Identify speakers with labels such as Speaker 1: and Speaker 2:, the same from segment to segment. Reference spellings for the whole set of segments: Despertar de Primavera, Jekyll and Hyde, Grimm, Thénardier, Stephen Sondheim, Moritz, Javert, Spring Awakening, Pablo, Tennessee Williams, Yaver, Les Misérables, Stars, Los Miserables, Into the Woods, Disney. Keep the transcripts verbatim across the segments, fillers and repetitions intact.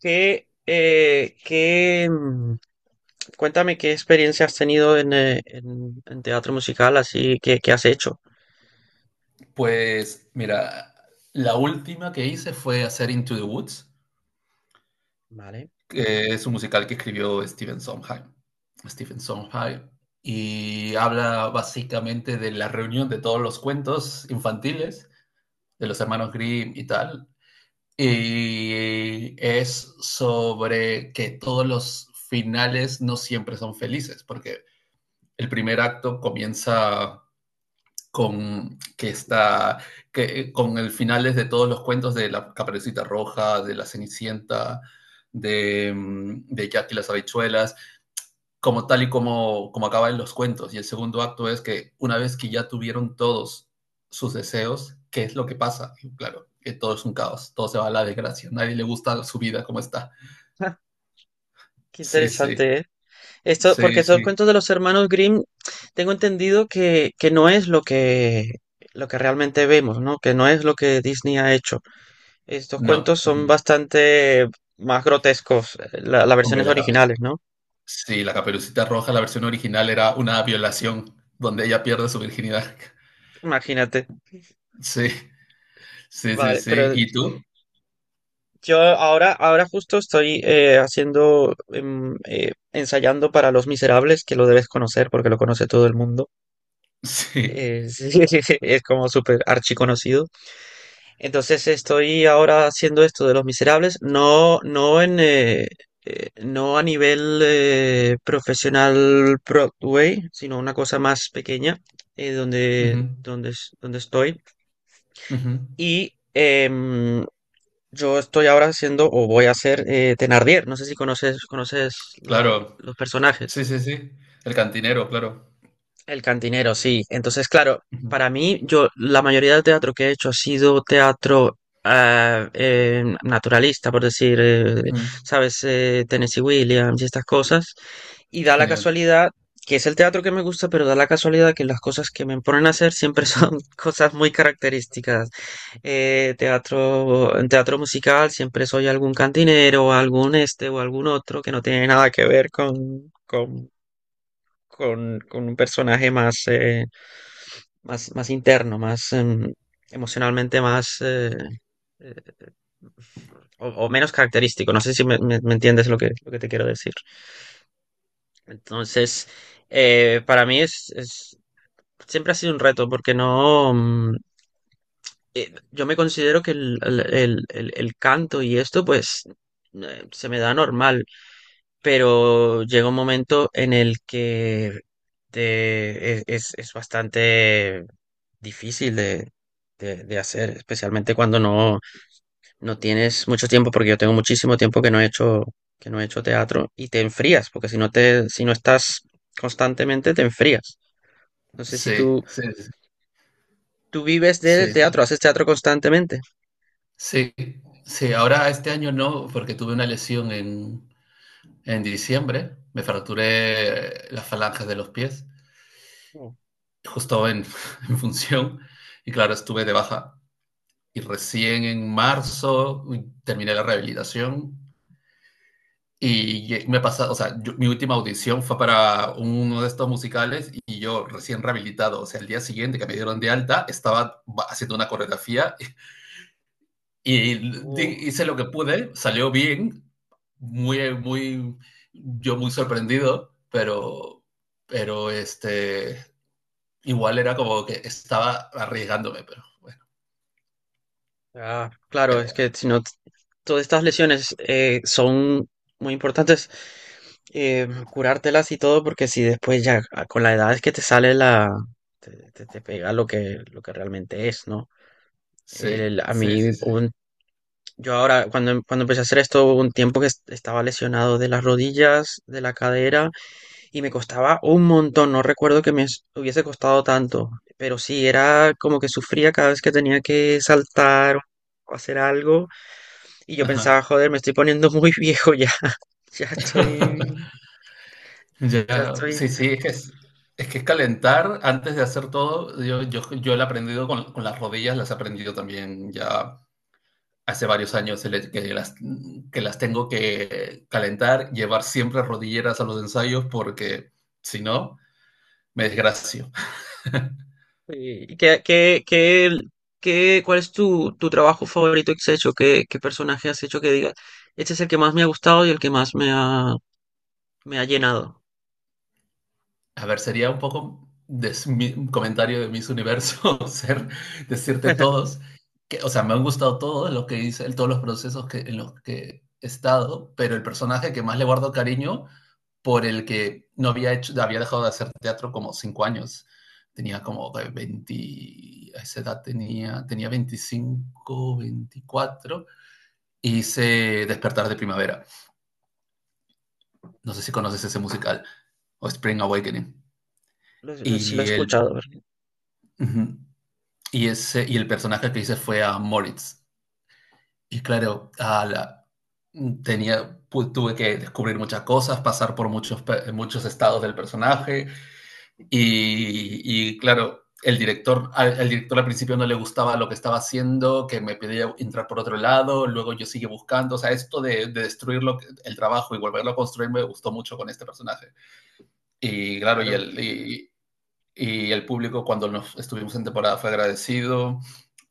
Speaker 1: ¿Qué, eh, qué, mm, cuéntame qué experiencia has tenido en, eh, en- en teatro musical, así que, que has hecho?
Speaker 2: Pues mira, la última que hice fue hacer Into the Woods,
Speaker 1: Vale.
Speaker 2: que es un musical que escribió Stephen Sondheim. Stephen Sondheim. Y habla básicamente de la reunión de todos los cuentos infantiles de los hermanos Grimm y tal. Y es sobre que todos los finales no siempre son felices, porque el primer acto comienza con que está que, con el finales de todos los cuentos de la Caperucita Roja, de la Cenicienta, de, mm, de Jack y las habichuelas, como tal y como, como acaban los cuentos. Y el segundo acto es que una vez que ya tuvieron todos sus deseos, ¿qué es lo que pasa? Y claro, que todo es un caos, todo se va a la desgracia, nadie le gusta su vida como está.
Speaker 1: Ah, qué
Speaker 2: Sí, sí,
Speaker 1: interesante, ¿eh? Esto, porque
Speaker 2: sí,
Speaker 1: estos
Speaker 2: sí.
Speaker 1: cuentos de los hermanos Grimm, tengo entendido que, que no es lo que, lo que realmente vemos, ¿no? Que no es lo que Disney ha hecho. Estos
Speaker 2: No,
Speaker 1: cuentos son bastante más grotescos, eh, la- las
Speaker 2: hombre,
Speaker 1: versiones
Speaker 2: la,
Speaker 1: originales, ¿no?
Speaker 2: Sí, la Caperucita Roja, la versión original era una violación donde ella pierde su virginidad.
Speaker 1: Imagínate.
Speaker 2: Sí, sí, sí,
Speaker 1: Vale, pero
Speaker 2: sí. ¿Y tú?
Speaker 1: yo ahora, ahora justo estoy eh, haciendo, em, eh, ensayando para Los Miserables, que lo debes conocer porque lo conoce todo el mundo.
Speaker 2: Sí.
Speaker 1: Eh, sí, sí, sí, es como súper archiconocido. Entonces estoy ahora haciendo esto de Los Miserables, no, no en, eh, eh, no a nivel eh, profesional Broadway, sino una cosa más pequeña, eh, donde,
Speaker 2: Ujú,
Speaker 1: donde, donde estoy.
Speaker 2: ujú.
Speaker 1: Y em, Yo estoy ahora haciendo, o voy a hacer, eh, Thénardier. No sé si conoces, conoces la-
Speaker 2: Claro,
Speaker 1: los
Speaker 2: sí,
Speaker 1: personajes.
Speaker 2: sí, sí. El cantinero, claro.
Speaker 1: El cantinero, sí. Entonces, claro,
Speaker 2: Ujú,
Speaker 1: para mí, yo la mayoría del teatro que he hecho ha sido teatro ah, eh, naturalista, por decir, eh,
Speaker 2: ujú.
Speaker 1: ¿sabes? Eh, Tennessee Williams y estas cosas. Y da la
Speaker 2: Genial.
Speaker 1: casualidad que es el teatro que me gusta, pero da la casualidad que las cosas que me ponen a hacer siempre
Speaker 2: Ujú.
Speaker 1: son cosas muy características. Eh, teatro, en teatro musical siempre soy algún cantinero, algún este o algún otro que no tiene nada que ver con, con con, con un personaje más, eh, más, más interno, más em, emocionalmente más eh, eh, o, o menos característico. No sé si me, me- me entiendes lo que, lo que te quiero decir. Entonces, eh, para mí es, es- siempre ha sido un reto porque no, mm, eh, yo me considero que el, el- el- el- el canto y esto pues eh, se me da normal, pero llega un momento en el que te- es, es- es bastante difícil de, de- de hacer, especialmente cuando no, no tienes mucho tiempo, porque yo tengo muchísimo tiempo que no he hecho que no he hecho teatro y te enfrías, porque si no te, si no estás constantemente, te enfrías. No sé si
Speaker 2: Sí,
Speaker 1: tú,
Speaker 2: sí,
Speaker 1: tú vives
Speaker 2: sí,
Speaker 1: del teatro, haces teatro constantemente.
Speaker 2: sí, sí. Sí, ahora este año no, porque tuve una lesión en, en, diciembre. Me fracturé las falanges de los pies,
Speaker 1: Oh,
Speaker 2: justo en, en función. Y claro, estuve de baja y recién en marzo terminé la rehabilitación y me pasa, o sea, yo- mi última audición fue para uno de estos musicales y yo recién rehabilitado, o sea, el día siguiente que me dieron de alta, estaba haciendo una coreografía
Speaker 1: oh.
Speaker 2: y hice lo que pude, salió bien, muy, muy, yo muy sorprendido, pero, pero este, igual era como que estaba arriesgándome, pero bueno,
Speaker 1: Ah, claro,
Speaker 2: pero
Speaker 1: es
Speaker 2: bueno,
Speaker 1: que si no, t- todas estas lesiones eh, son muy importantes eh, curártelas y todo, porque si después ya ah, con la edad es que te sale la, te, te- te pega lo que, lo que realmente es, ¿no?
Speaker 2: sí,
Speaker 1: El- a
Speaker 2: sí,
Speaker 1: mí,
Speaker 2: sí,
Speaker 1: hubo
Speaker 2: sí.
Speaker 1: un- yo ahora, cuando, em- cuando empecé a hacer esto, hubo un tiempo que es- estaba lesionado de las rodillas, de la cadera, y me costaba un montón, no recuerdo que me s- hubiese costado tanto, pero sí, era como que sufría cada vez que tenía que saltar o hacer algo. Y yo pensaba,
Speaker 2: Ajá.
Speaker 1: joder, me estoy poniendo muy viejo ya. Ya estoy, ya
Speaker 2: Ya,
Speaker 1: estoy.
Speaker 2: sí, sí, es que es, es que es calentar antes de hacer todo. Yo, yo, yo lo he aprendido con, con las rodillas, las he aprendido también ya hace varios años el hecho que las, que las tengo que calentar, llevar siempre rodilleras a los ensayos porque si no, me desgracio.
Speaker 1: ¿Y qué, qué, qué, qué- cuál es tu, tu trabajo favorito que has hecho? ¿Qué, qué personaje has hecho que digas? Este es el que más me ha gustado y el que más me ha, me ha llenado.
Speaker 2: A ver, sería un poco de, s- mi- un comentario de Miss Universo ser, decirte todos, que, o sea, me han gustado todos los que hice, todos los procesos que, en los que he estado, pero el personaje que más le guardo cariño por el que no había hecho, había dejado de hacer teatro como cinco años. Tenía como veinte, a esa edad tenía, tenía veinticinco veinticuatro. Hice Despertar de Primavera. No sé si conoces ese musical o Spring Awakening.
Speaker 1: Lo, lo- sí lo he
Speaker 2: Y el,
Speaker 1: escuchado, ¿verdad?
Speaker 2: y ese, y el personaje que hice fue a Moritz. Y claro, a la, tenía, tuve que descubrir muchas cosas, pasar por muchos, muchos estados del personaje. Y, y claro, el director, al, al, director al principio no le gustaba lo que estaba haciendo, que me pedía entrar por otro lado, luego yo sigue buscando, o sea, esto de, de destruir lo, el trabajo y volverlo a construir me gustó mucho con este personaje. Y claro, y
Speaker 1: Claro.
Speaker 2: el, y, y el público cuando nos estuvimos en temporada fue agradecido,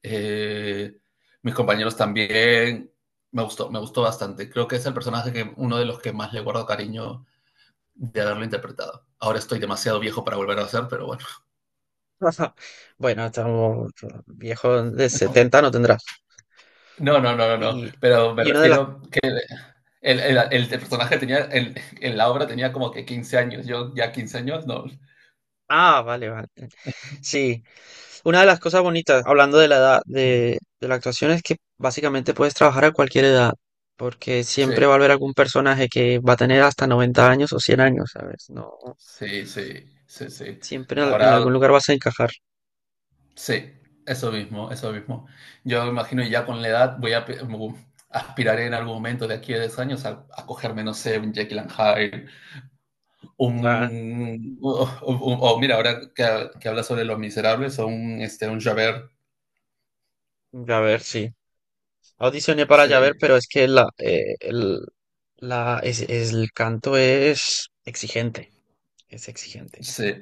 Speaker 2: eh, mis compañeros también, me gustó, me gustó bastante. Creo que es el personaje que uno de los que más le guardo cariño de haberlo interpretado. Ahora estoy demasiado viejo para volver a hacer, pero bueno.
Speaker 1: Bueno, estamos viejo de setenta no tendrás.
Speaker 2: No, no, no, no, no.
Speaker 1: Y,
Speaker 2: Pero me
Speaker 1: y uno de las...
Speaker 2: refiero que el, el- el personaje tenía, en- en la obra tenía como que quince años. Yo ya quince años, no.
Speaker 1: Ah, vale, vale. Sí, una de las cosas bonitas, hablando de la edad de, de la actuación, es que básicamente puedes trabajar a cualquier edad, porque
Speaker 2: Sí,
Speaker 1: siempre va a haber algún personaje que va a tener hasta noventa años o cien años, ¿sabes? No,
Speaker 2: sí, sí, sí, sí.
Speaker 1: siempre en, en
Speaker 2: Ahora,
Speaker 1: algún lugar vas a encajar.
Speaker 2: sí, eso mismo, eso mismo. Yo me imagino ya con la edad voy a pe- mu- aspiraré en algún momento de aquí a diez años a, a cogerme, no sé, un Jekyll and Hyde,
Speaker 1: Ah,
Speaker 2: un... O, o- o- o mira, ahora que, ha- que habla sobre Los Miserables, o un, este, un Javert,
Speaker 1: a ver, sí. Audicioné para
Speaker 2: sí.
Speaker 1: Yaver, pero es que la, eh, el, la, es, es- el canto es exigente, es exigente.
Speaker 2: Sí,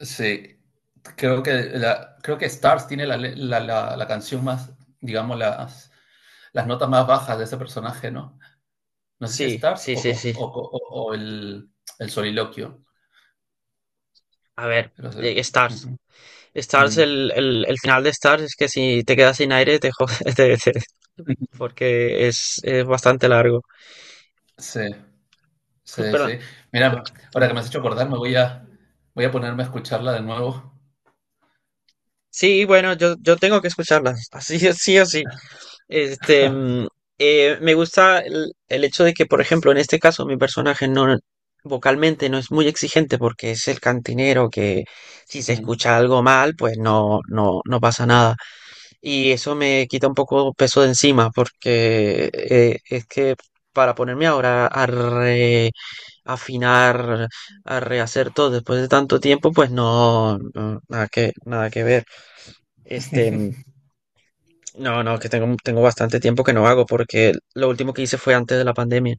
Speaker 2: sí. Creo que, la, creo que Stars tiene la, le- la- la- la canción más, digamos, las, las notas más bajas de ese personaje, ¿no? No sé si
Speaker 1: Sí,
Speaker 2: Stars
Speaker 1: sí,
Speaker 2: o,
Speaker 1: sí,
Speaker 2: co-
Speaker 1: sí.
Speaker 2: o co- o- o el, el soliloquio.
Speaker 1: A ver,
Speaker 2: Pero sí.
Speaker 1: eh, Stars.
Speaker 2: Ujú,
Speaker 1: Stars,
Speaker 2: ujú,
Speaker 1: el, el, el final de Stars es que si te quedas sin aire, te jodes,
Speaker 2: ujú.
Speaker 1: porque es, es bastante largo.
Speaker 2: Sí, sí,
Speaker 1: Perdón.
Speaker 2: sí. Mira, ahora que me has hecho acordar, me voy a, voy a ponerme a escucharla de nuevo.
Speaker 1: Sí, bueno, yo, yo tengo que escucharlas, así, es, sí o sí. Este, mm, eh, me gusta el, el hecho de que, por ejemplo, en este caso, mi personaje no vocalmente no es muy exigente porque es el cantinero que si se
Speaker 2: Ujú,
Speaker 1: escucha algo mal, pues no, no, no pasa nada. Y eso me quita un poco peso de encima porque eh, es que para ponerme ahora a afinar, a rehacer todo después de tanto tiempo, pues no, no, nada que, nada que ver. Este, no, no, que tengo, tengo bastante tiempo que no hago porque lo último que hice fue antes de la pandemia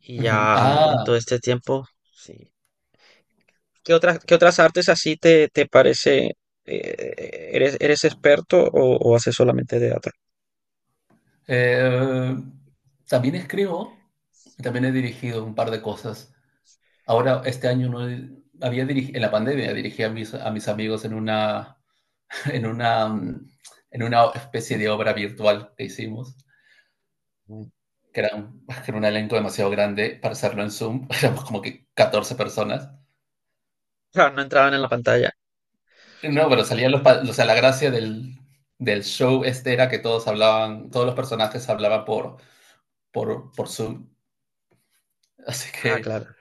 Speaker 1: y
Speaker 2: ujú.
Speaker 1: ya en
Speaker 2: Ah,
Speaker 1: todo este tiempo, sí. ¿Qué otras, qué otras artes así te, te parece? eh, ¿eres, eres experto o, o haces solamente teatro?
Speaker 2: eh, también escribo, también he dirigido un par de cosas. Ahora, este año no he- había dirigi- en la pandemia dirigí a mis, a mis amigos en una, en una, mm, en una especie de obra virtual que hicimos,
Speaker 1: Mm.
Speaker 2: que era un, era un elenco demasiado grande para hacerlo en Zoom, éramos como que catorce personas.
Speaker 1: Ah, no entraban en la pantalla.
Speaker 2: No, pero salían los, pa- o sea, la gracia del, del show este era que todos hablaban, todos los personajes hablaban por, por, por Zoom. así
Speaker 1: Ah,
Speaker 2: que
Speaker 1: claro.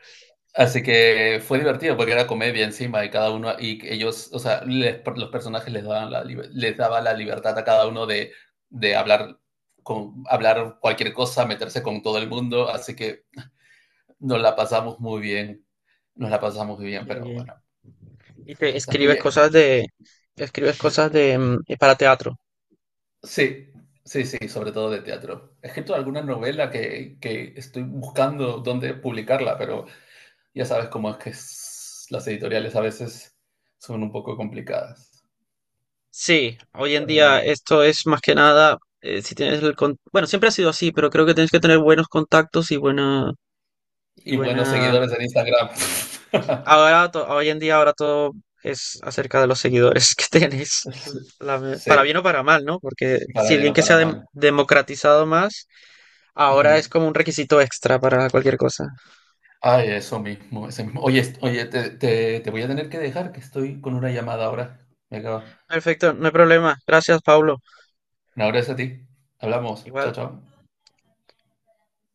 Speaker 2: Así que fue divertido porque era comedia encima y cada uno, y ellos, o sea, les- los personajes les daban la, libe- les daba la libertad a cada uno de, de hablar, con, hablar cualquier cosa, meterse con todo el mundo, así que nos la pasamos muy bien, nos la pasamos muy bien,
Speaker 1: Qué
Speaker 2: pero
Speaker 1: bien.
Speaker 2: bueno,
Speaker 1: Y te
Speaker 2: así está.
Speaker 1: escribes
Speaker 2: Oye,
Speaker 1: cosas de, escribes
Speaker 2: de-
Speaker 1: cosas de, mm, para teatro.
Speaker 2: sí, sí, sí, sobre todo de teatro. He escrito alguna novela que, que estoy buscando dónde publicarla, pero ya sabes cómo es que es- las editoriales a veces son un poco complicadas.
Speaker 1: Sí, hoy en
Speaker 2: Pero
Speaker 1: día
Speaker 2: bueno.
Speaker 1: esto es más que nada, eh, si tienes el con- bueno, siempre ha sido así, pero creo que tienes que tener buenos contactos y buena, y
Speaker 2: Y buenos
Speaker 1: buena,
Speaker 2: seguidores en Instagram.
Speaker 1: ahora, to- hoy en día ahora todo es acerca de los seguidores que tienes,
Speaker 2: Sí,
Speaker 1: la-
Speaker 2: sí,
Speaker 1: para bien o para mal, ¿no? Porque
Speaker 2: para
Speaker 1: si
Speaker 2: bien
Speaker 1: bien
Speaker 2: o
Speaker 1: que se
Speaker 2: para
Speaker 1: ha dem-
Speaker 2: mal.
Speaker 1: democratizado más, ahora es
Speaker 2: Ujú.
Speaker 1: como un requisito extra para cualquier cosa.
Speaker 2: Ay, eso mismo, eso mismo. Oye, est- oye, te, te- te voy a tener que dejar, que estoy con una llamada ahora. Me acaba.
Speaker 1: Perfecto, no hay problema. Gracias, Pablo.
Speaker 2: Un abrazo a ti. Hablamos. Chao,
Speaker 1: Igual.
Speaker 2: chao.